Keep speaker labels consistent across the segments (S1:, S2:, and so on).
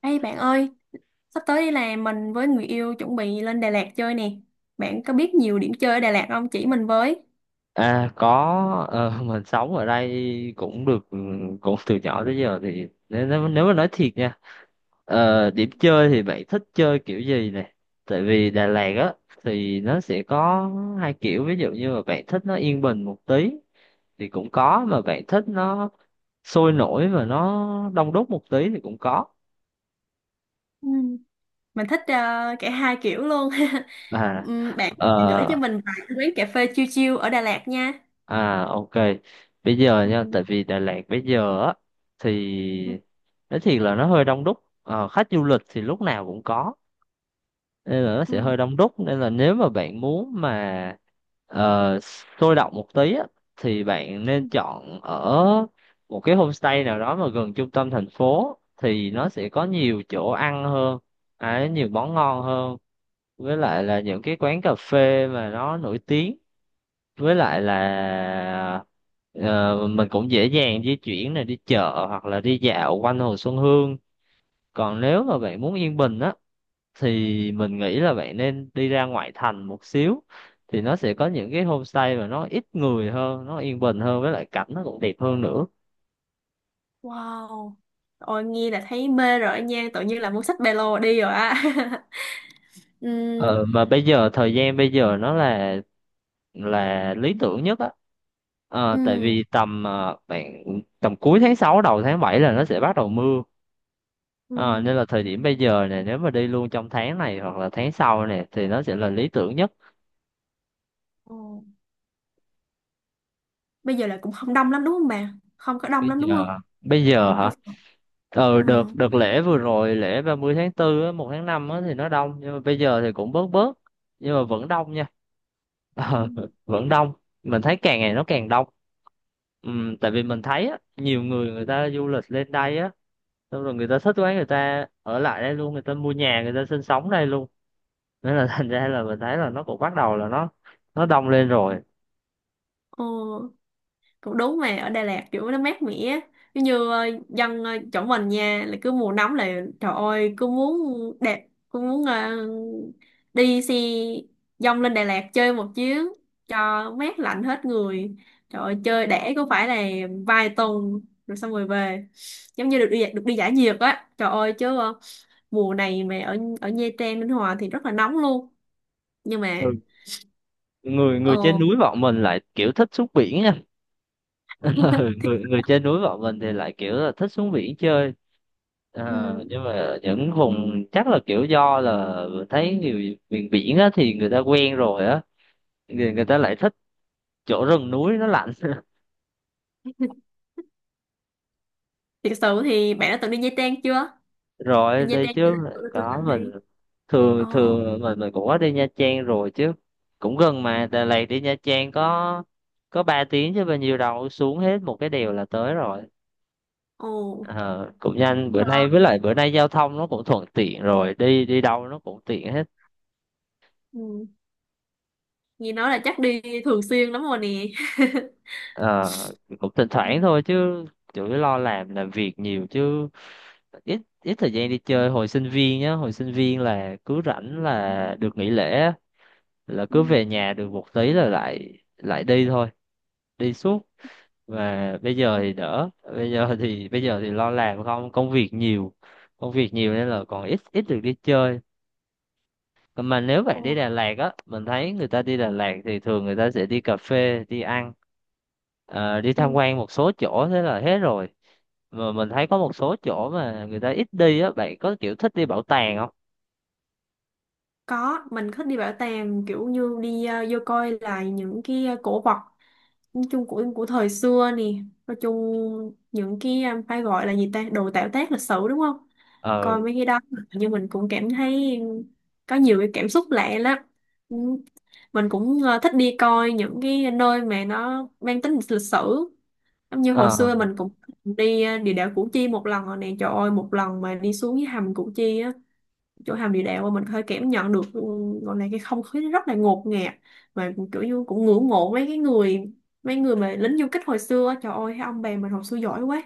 S1: Ê bạn ơi, sắp tới là mình với người yêu chuẩn bị lên Đà Lạt chơi nè. Bạn có biết nhiều điểm chơi ở Đà Lạt không? Chỉ mình với.
S2: À có, mình sống ở đây cũng được, ừ, cũng từ nhỏ tới giờ. Thì nếu nếu nếu mà nói thiệt nha, điểm chơi thì bạn thích chơi kiểu gì này? Tại vì Đà Lạt á thì nó sẽ có hai kiểu, ví dụ như mà bạn thích nó yên bình một tí thì cũng có, mà bạn thích nó sôi nổi và nó đông đúc một tí thì cũng có.
S1: Ừ. Mình thích cả hai kiểu luôn.
S2: à
S1: Bạn gửi cho
S2: ờ,
S1: mình vài cái quán cà phê chill chill ở Đà Lạt nha.
S2: À, ok, bây giờ nha,
S1: Ừ.
S2: tại vì Đà Lạt bây giờ á
S1: Ừ.
S2: thì nói thiệt là nó hơi đông đúc. Ờ, khách du lịch thì lúc nào cũng có nên là nó sẽ
S1: Ừ.
S2: hơi đông đúc, nên là nếu mà bạn muốn mà ờ, sôi động một tí á thì bạn
S1: Ừ.
S2: nên chọn ở một cái homestay nào đó mà gần trung tâm thành phố, thì nó sẽ có nhiều chỗ ăn hơn, à, nhiều món ngon hơn, với lại là những cái quán cà phê mà nó nổi tiếng, với lại là mình cũng dễ dàng di chuyển này, đi chợ hoặc là đi dạo quanh Hồ Xuân Hương. Còn nếu
S1: Ừ.
S2: mà bạn muốn yên bình á thì mình nghĩ là bạn nên đi ra ngoại thành một xíu, thì nó sẽ có những cái homestay mà nó ít người hơn, nó yên bình hơn, với lại cảnh nó cũng đẹp hơn nữa.
S1: Wow. Ôi nghe là thấy mê rồi nha, tự nhiên là muốn xách ba lô đi rồi á. Ừm.
S2: Ờ, mà bây giờ thời gian bây giờ nó là lý tưởng nhất á. Ờ, tại
S1: Ừ.
S2: vì tầm, bạn, tầm cuối tháng 6 đầu tháng 7 là nó sẽ bắt đầu mưa.
S1: Ừ.
S2: Ờ, nên
S1: Ừ.
S2: là thời điểm bây giờ này, nếu mà đi luôn trong tháng này hoặc là tháng sau này thì nó sẽ là lý tưởng nhất.
S1: Ồ, bây giờ là cũng không đông lắm đúng không bà? Không có đông
S2: Bây
S1: lắm đúng
S2: giờ
S1: không?
S2: bây giờ
S1: Mình cứ.
S2: hả? Ờ, đợt
S1: Ừ.
S2: đợt lễ vừa rồi, lễ 30 tháng tư á, 1 tháng 5 á thì nó đông, nhưng mà bây giờ thì cũng bớt bớt, nhưng mà vẫn đông nha. Ờ,
S1: Ừm.
S2: vẫn đông. Mình thấy càng ngày nó càng đông. Tại vì mình thấy á, nhiều người, người ta du lịch lên đây á, xong rồi người ta thích quá, người ta ở lại đây luôn, người ta mua nhà, người ta sinh sống đây luôn. Nên là thành ra là mình thấy là nó cũng bắt đầu là nó đông lên rồi.
S1: Ồ, cũng đúng mà ở Đà Lạt kiểu nó mát mẻ á. Giống như dân chỗ mình nha là cứ mùa nóng là trời ơi cứ muốn đẹp cứ muốn đi xe dông lên Đà Lạt chơi một chuyến cho mát lạnh hết người, trời ơi chơi để có phải là vài tuần rồi xong rồi về, giống như được đi giải nhiệt á, trời ơi chứ mùa này mà ở ở Nha Trang Ninh Hòa thì rất là nóng luôn, nhưng mà
S2: Ừ, người
S1: ờ
S2: người trên núi bọn mình lại kiểu thích xuống biển nha. Ừ, người người trên núi bọn mình thì lại kiểu là thích xuống biển chơi.
S1: ừ.
S2: Ờ, nhưng mà những vùng chắc là kiểu do là thấy nhiều miền biển á thì người ta quen rồi á, người người ta lại thích chỗ rừng núi nó lạnh.
S1: Thiệt sự thì bạn đã từng đi Nha Trang chưa? Đi
S2: Rồi,
S1: Nha
S2: đi
S1: Trang chưa?
S2: chứ,
S1: Tôi
S2: có
S1: dẫn
S2: mình
S1: đi.
S2: thường
S1: Ồ,
S2: thường, mình cũng có đi Nha Trang rồi chứ, cũng gần
S1: ừ,
S2: mà, Đà Lạt đi Nha Trang có ba tiếng chứ bao nhiêu đâu, xuống hết một cái đèo là tới rồi.
S1: ồ,
S2: Ờ, cũng nhanh, bữa
S1: hả?
S2: nay với lại bữa nay giao thông nó cũng thuận tiện rồi, đi đi đâu nó cũng tiện hết.
S1: Ừ. Nghe nói là chắc đi thường xuyên lắm rồi nè.
S2: Ờ, cũng thỉnh
S1: Ừ,
S2: thoảng thôi chứ, chủ yếu lo làm, việc nhiều chứ, ít ít thời gian đi chơi. Hồi sinh viên nhá, hồi sinh viên là cứ rảnh là được nghỉ lễ á, là
S1: ừ,
S2: cứ về nhà được một tí là lại lại đi thôi, đi suốt. Và bây giờ thì đỡ, bây giờ thì, bây giờ thì lo làm không, công việc nhiều nên là còn ít ít được đi chơi. Còn mà nếu
S1: ồ,
S2: bạn đi Đà Lạt á, mình thấy người ta đi Đà Lạt thì thường người ta sẽ đi cà phê, đi ăn, đi tham
S1: ừ.
S2: quan một số chỗ, thế là hết rồi. Mà mình thấy có một số chỗ mà người ta ít đi á, bạn có kiểu thích đi bảo tàng không?
S1: Có, mình thích đi bảo tàng kiểu như đi vô coi lại những cái cổ vật, nói chung của thời xưa nè. Nói chung những cái phải gọi là gì ta? Đồ tạo tác lịch sử đúng không?
S2: Ờ,
S1: Coi mấy cái đó nhưng mình cũng cảm thấy có nhiều cái cảm xúc lạ lắm. Ừ. Mình cũng thích đi coi những cái nơi mà nó mang tính lịch sử, giống như hồi
S2: ờ,
S1: xưa mình cũng đi địa đạo Củ Chi một lần rồi nè, trời ơi một lần mà đi xuống cái hầm Củ Chi á, chỗ hầm địa đạo mà mình hơi cảm nhận được ừ, gọi là cái không khí nó rất là ngột ngạt, mà kiểu như cũng ngưỡng mộ mấy cái người, mấy người mà lính du kích hồi xưa á. Trời ơi cái ông bè mình hồi xưa giỏi quá,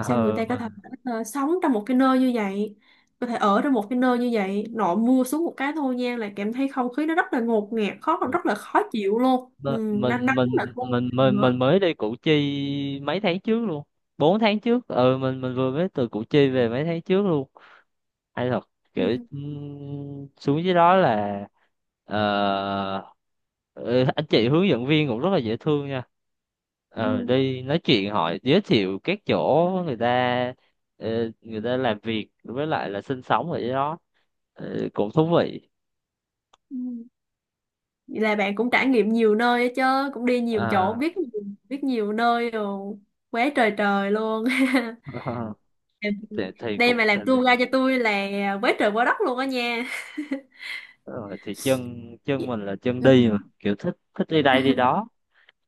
S1: sao người ta có
S2: mà
S1: thể sống trong một cái nơi như vậy, có thể ở trong một cái nơi như vậy, nội mưa xuống một cái thôi nha là cảm thấy không khí nó rất là ngột ngạt khó, rất là khó chịu luôn,
S2: Mình
S1: ừ,
S2: mình
S1: đang nắng là không
S2: mình
S1: nữa.
S2: mình mới đi Củ Chi mấy tháng trước luôn. Bốn tháng trước. Ừ, mình vừa mới từ Củ Chi về mấy tháng trước luôn. Hay thật, kiểu
S1: Ừ,
S2: xuống dưới đó là ờ, ừ, anh chị hướng dẫn viên cũng rất là dễ thương nha. Ờ,
S1: ừ,
S2: đi nói chuyện hỏi giới thiệu các chỗ người ta, người ta làm việc với lại là sinh sống ở dưới đó. Ờ, cũng thú vị.
S1: ừ. Vậy là bạn cũng trải nghiệm nhiều nơi á chứ, cũng đi nhiều chỗ
S2: À,
S1: biết nhiều nơi rồi, quá trời trời luôn.
S2: thì
S1: Đây
S2: cũng,
S1: mà làm tour guide cho tôi là quá trời quá đất luôn á nha.
S2: rồi thì chân, mình là chân đi, mà
S1: Ừ.
S2: kiểu thích, đi đây đi đó.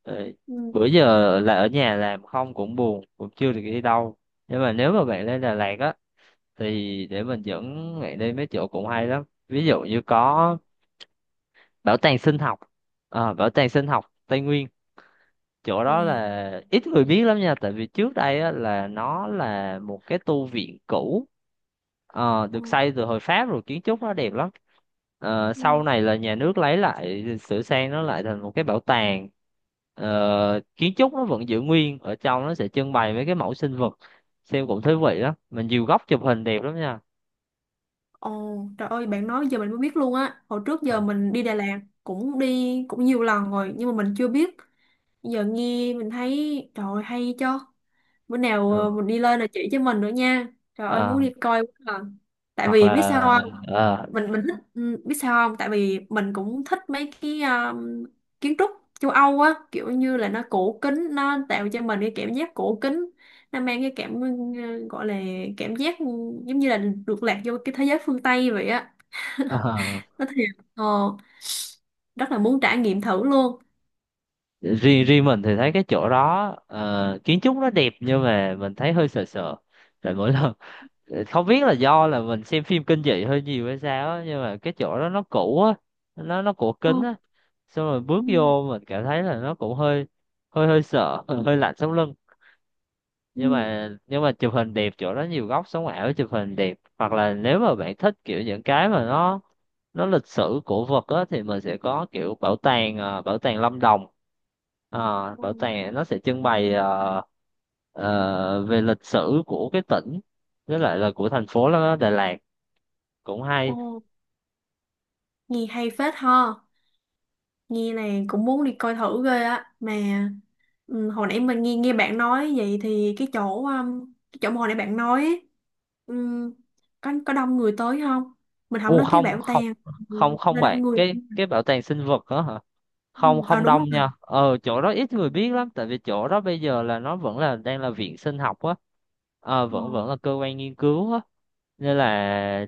S2: Rồi,
S1: Ừ.
S2: bữa giờ là ở nhà làm không cũng buồn, cũng chưa được đi đâu, nhưng mà nếu mà bạn lên Đà Lạt á thì để mình dẫn bạn đi mấy chỗ cũng hay lắm. Ví dụ như có bảo tàng sinh học, ờ, bảo tàng sinh học Tây Nguyên. Chỗ
S1: Ừ.
S2: đó là ít người biết lắm nha, tại vì trước đây á, là nó là một cái tu viện cũ,
S1: Ừ.
S2: được xây từ hồi Pháp rồi, kiến trúc nó đẹp lắm. Ờ, sau
S1: Ừ.
S2: này là nhà nước lấy lại sửa sang nó lại thành một cái bảo tàng. Ờ, kiến trúc nó vẫn giữ nguyên, ở trong nó sẽ trưng bày mấy cái mẫu sinh vật, xem cũng thú vị lắm, mình nhiều góc chụp hình đẹp lắm nha.
S1: Ồ, trời ơi, bạn nói giờ mình mới biết luôn á. Hồi trước giờ
S2: Ờ,
S1: mình đi Đà Lạt cũng đi cũng nhiều lần rồi nhưng mà mình chưa biết. Giờ nghe mình thấy trời ơi, hay cho. Bữa nào
S2: rồi.
S1: mình đi lên là chỉ cho mình nữa nha. Trời ơi muốn
S2: Ờ,
S1: đi coi quá à. Tại
S2: hoặc
S1: vì
S2: là
S1: biết sao không?
S2: ờ,
S1: Mình thích ừ, biết sao không? Tại vì mình cũng thích mấy cái kiến trúc châu Âu á, kiểu như là nó cổ kính, nó tạo cho mình cái cảm giác cổ kính. Nó mang cái cảm ừ, gọi là cảm giác ừ, giống như là được lạc vô cái thế giới phương Tây vậy á,
S2: ờ.
S1: nó thiệt rất là muốn trải nghiệm thử luôn.
S2: Riêng riêng mình thì thấy cái chỗ đó, ờ, kiến trúc nó đẹp nhưng mà mình thấy hơi sợ sợ, tại mỗi lần không biết là do là mình xem phim kinh dị hơi nhiều hay sao á, nhưng mà cái chỗ đó nó cũ á, nó cổ
S1: Ờ,
S2: kính á, xong rồi bước
S1: ừ,
S2: vô mình cảm thấy là nó cũng hơi, hơi sợ. Hơi lạnh sống lưng,
S1: ừ,
S2: nhưng mà chụp hình đẹp, chỗ đó nhiều góc sống ảo chụp hình đẹp. Hoặc là nếu mà bạn thích kiểu những cái mà nó lịch sử cổ vật á, thì mình sẽ có kiểu bảo tàng, ờ, bảo tàng Lâm Đồng. Ờ,
S1: ờ,
S2: bảo tàng nó sẽ trưng bày, về lịch sử của cái tỉnh với lại là của thành phố đó, Đà Lạt, cũng
S1: ờ,
S2: hay.
S1: nghe hay phết ha, nghe là cũng muốn đi coi thử ghê á mà ừ, hồi nãy mình nghe nghe bạn nói vậy thì cái chỗ mà hồi nãy bạn nói ấy, ừm, có đông người tới không, mình không nói cái
S2: Không
S1: bảo
S2: không
S1: tàng.
S2: không,
S1: Ừ,
S2: không
S1: nó
S2: bạn,
S1: đông người.
S2: cái bảo tàng sinh vật đó
S1: Ừ,
S2: không
S1: à
S2: không
S1: đúng rồi.
S2: đông nha. Ờ, chỗ đó ít người biết lắm, tại vì chỗ đó bây giờ là nó vẫn là đang là viện sinh học á,
S1: Ờ,
S2: vẫn vẫn là cơ quan nghiên cứu á, nên là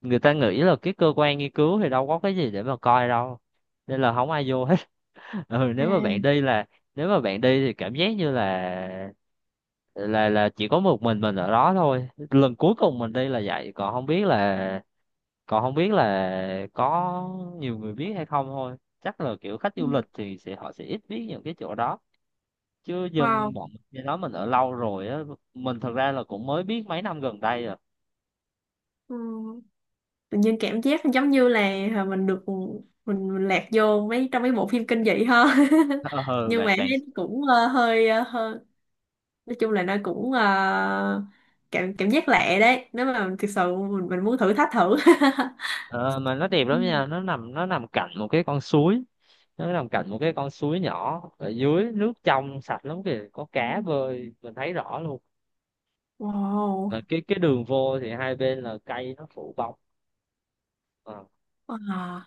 S2: người ta nghĩ là cái cơ quan nghiên cứu thì đâu có cái gì để mà coi đâu, nên là không ai vô hết. Ừ, nếu mà bạn
S1: à
S2: đi là, nếu mà bạn đi thì cảm giác như là là chỉ có một mình ở đó thôi. Lần cuối cùng mình đi là vậy, còn không biết là, còn không biết là có nhiều người biết hay không thôi. Chắc là kiểu khách
S1: ừ,
S2: du lịch thì sẽ họ sẽ ít biết những cái chỗ đó, chứ dân
S1: wow,
S2: bọn mình cái đó mình ở lâu rồi á, mình thật ra là cũng mới biết mấy năm gần đây rồi.
S1: ừ. Tự nhiên cảm giác giống như là mình được ừ, mình lạc vô mấy trong mấy bộ phim kinh dị hơn.
S2: ờ
S1: Nhưng
S2: bạn
S1: mà
S2: bạn
S1: thấy nó cũng hơi hơi, nói chung là nó cũng cảm, cảm giác lạ đấy, nếu mà thực sự mình muốn thử thách thử.
S2: ờ, Mà nó đẹp
S1: Ừ.
S2: lắm nha, nó nằm cạnh một cái con suối, nó nằm cạnh một cái con suối nhỏ, ở dưới nước trong sạch lắm kìa, có cá bơi mình thấy rõ luôn. Mà
S1: Wow.
S2: cái đường vô thì hai bên là cây nó phủ bóng. Ờ.
S1: À,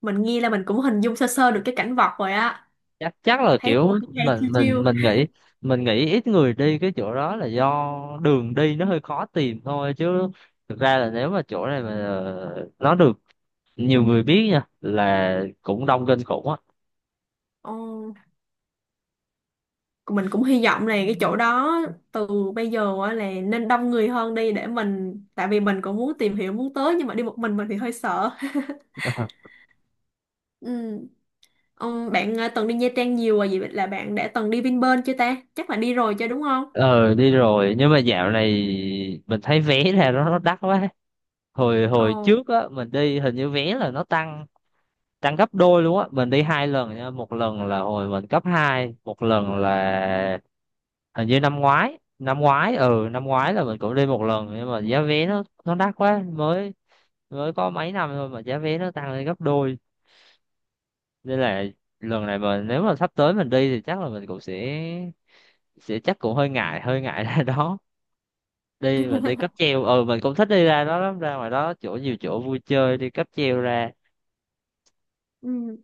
S1: mình nghe là mình cũng hình dung sơ sơ được cái cảnh vật rồi á,
S2: Chắc, chắc là
S1: thấy cũng
S2: kiểu
S1: hay hay chiêu chiêu.
S2: mình nghĩ, mình nghĩ ít người đi cái chỗ đó là do đường đi nó hơi khó tìm thôi, chứ thực ra là nếu mà chỗ này mà, ờ, nó được nhiều người biết nha là cũng đông kinh khủng á.
S1: Ồ. Mình cũng hy vọng là cái chỗ đó từ bây giờ á là nên đông người hơn đi, để mình tại vì mình cũng muốn tìm hiểu muốn tới nhưng mà đi một mình thì hơi sợ. Ừ. Bạn từng đi Nha Trang nhiều rồi vậy là bạn đã từng đi Vinpearl chưa ta, chắc là đi rồi chứ đúng không.
S2: Ờ, đi rồi nhưng mà dạo này mình thấy vé ra nó đắt quá. Hồi
S1: Ồ.
S2: Hồi trước á mình đi, hình như vé là nó tăng, tăng gấp đôi luôn á. Mình đi hai lần nha, một lần là hồi mình cấp hai, một lần là hình như năm ngoái, ừ năm ngoái là mình cũng đi một lần, nhưng mà giá vé nó đắt quá, mới mới có mấy năm thôi mà giá vé nó tăng lên gấp đôi, nên là lần này mà nếu mà sắp tới mình đi thì chắc là mình cũng sẽ chắc cũng hơi ngại, hơi ngại ra đó đi. Mình đi cáp treo, ừ mình cũng thích đi ra đó lắm, ra ngoài đó chỗ nhiều chỗ vui chơi, đi cáp treo ra.
S1: Ừ.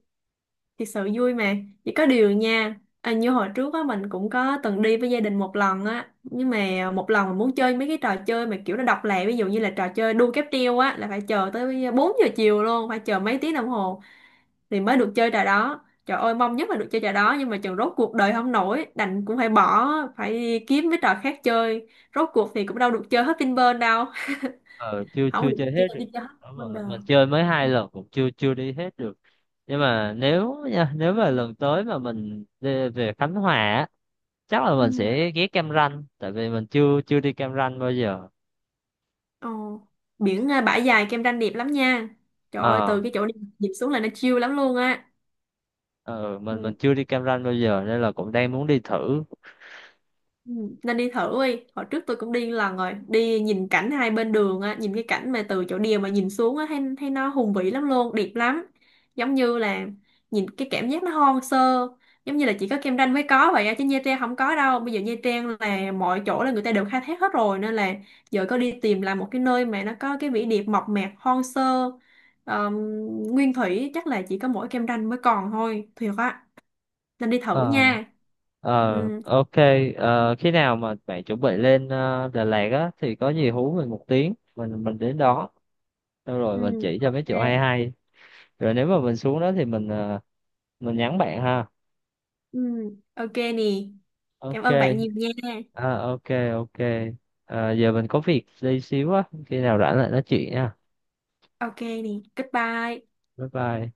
S1: Thật sự vui mà, chỉ có điều nha à, như hồi trước á mình cũng có từng đi với gia đình một lần á, nhưng mà một lần mình muốn chơi mấy cái trò chơi mà kiểu nó độc lạ, ví dụ như là trò chơi đu cáp treo á là phải chờ tới 4 giờ chiều luôn, phải chờ mấy tiếng đồng hồ thì mới được chơi trò đó, trời ơi mong nhất là được chơi trò đó nhưng mà chừng rốt cuộc đời không nổi đành cũng phải bỏ, phải đi kiếm mấy trò khác chơi, rốt cuộc thì cũng đâu được chơi hết Vinpearl đâu.
S2: Ờ, chưa
S1: Không
S2: chưa
S1: được
S2: chơi
S1: chơi
S2: hết
S1: đi
S2: được.
S1: chơi hết
S2: Đúng rồi, mình
S1: Wonder.
S2: chơi mới hai lần cũng chưa chưa đi hết được. Nhưng mà nếu nha, nếu mà lần tới mà mình đi về Khánh Hòa á chắc là mình
S1: Ừ.
S2: sẽ ghé Cam Ranh, tại vì mình chưa chưa đi Cam Ranh bao giờ.
S1: Ồ. Biển à, bãi dài Kem Ranh đẹp lắm nha, trời ơi
S2: Ờ.
S1: từ cái chỗ đi dịp xuống là nó chill lắm luôn á.
S2: Ừ,
S1: Ừ.
S2: mình chưa đi Cam Ranh bao giờ, nên là cũng đang muốn đi thử.
S1: Ừ, nên đi thử đi. Hồi trước tôi cũng đi lần rồi. Đi nhìn cảnh hai bên đường á, nhìn cái cảnh mà từ chỗ đèo mà nhìn xuống á, thấy nó hùng vĩ lắm luôn, đẹp lắm. Giống như là nhìn cái cảm giác nó hoang sơ, giống như là chỉ có Cam Ranh mới có vậy á, chứ Nha Trang không có đâu. Bây giờ Nha Trang là mọi chỗ là người ta đều khai thác hết rồi, nên là giờ có đi tìm lại một cái nơi mà nó có cái vẻ đẹp mộc mạc, hoang sơ, ờm, nguyên thủy, chắc là chỉ có mỗi Cam Ranh mới còn thôi. Thiệt á, nên đi thử
S2: Ờ,
S1: nha.
S2: ờ,
S1: Ừ.
S2: ok. Ờ, khi nào mà bạn chuẩn bị lên, ờ, Đà Lạt á, thì có gì hú mình một tiếng, mình đến đó xong rồi
S1: Ừ,
S2: mình chỉ cho mấy
S1: ok.
S2: chỗ hay hay. Rồi nếu mà mình xuống đó thì mình, ờ, mình nhắn bạn ha.
S1: Ừ, ok nè. Cảm ơn bạn
S2: Ok.
S1: nhiều nha.
S2: À, ok, ok. Ờ, giờ mình có việc đi xíu á, khi nào rảnh lại nói chuyện nha.
S1: Ok nè. Goodbye.
S2: Bye bye.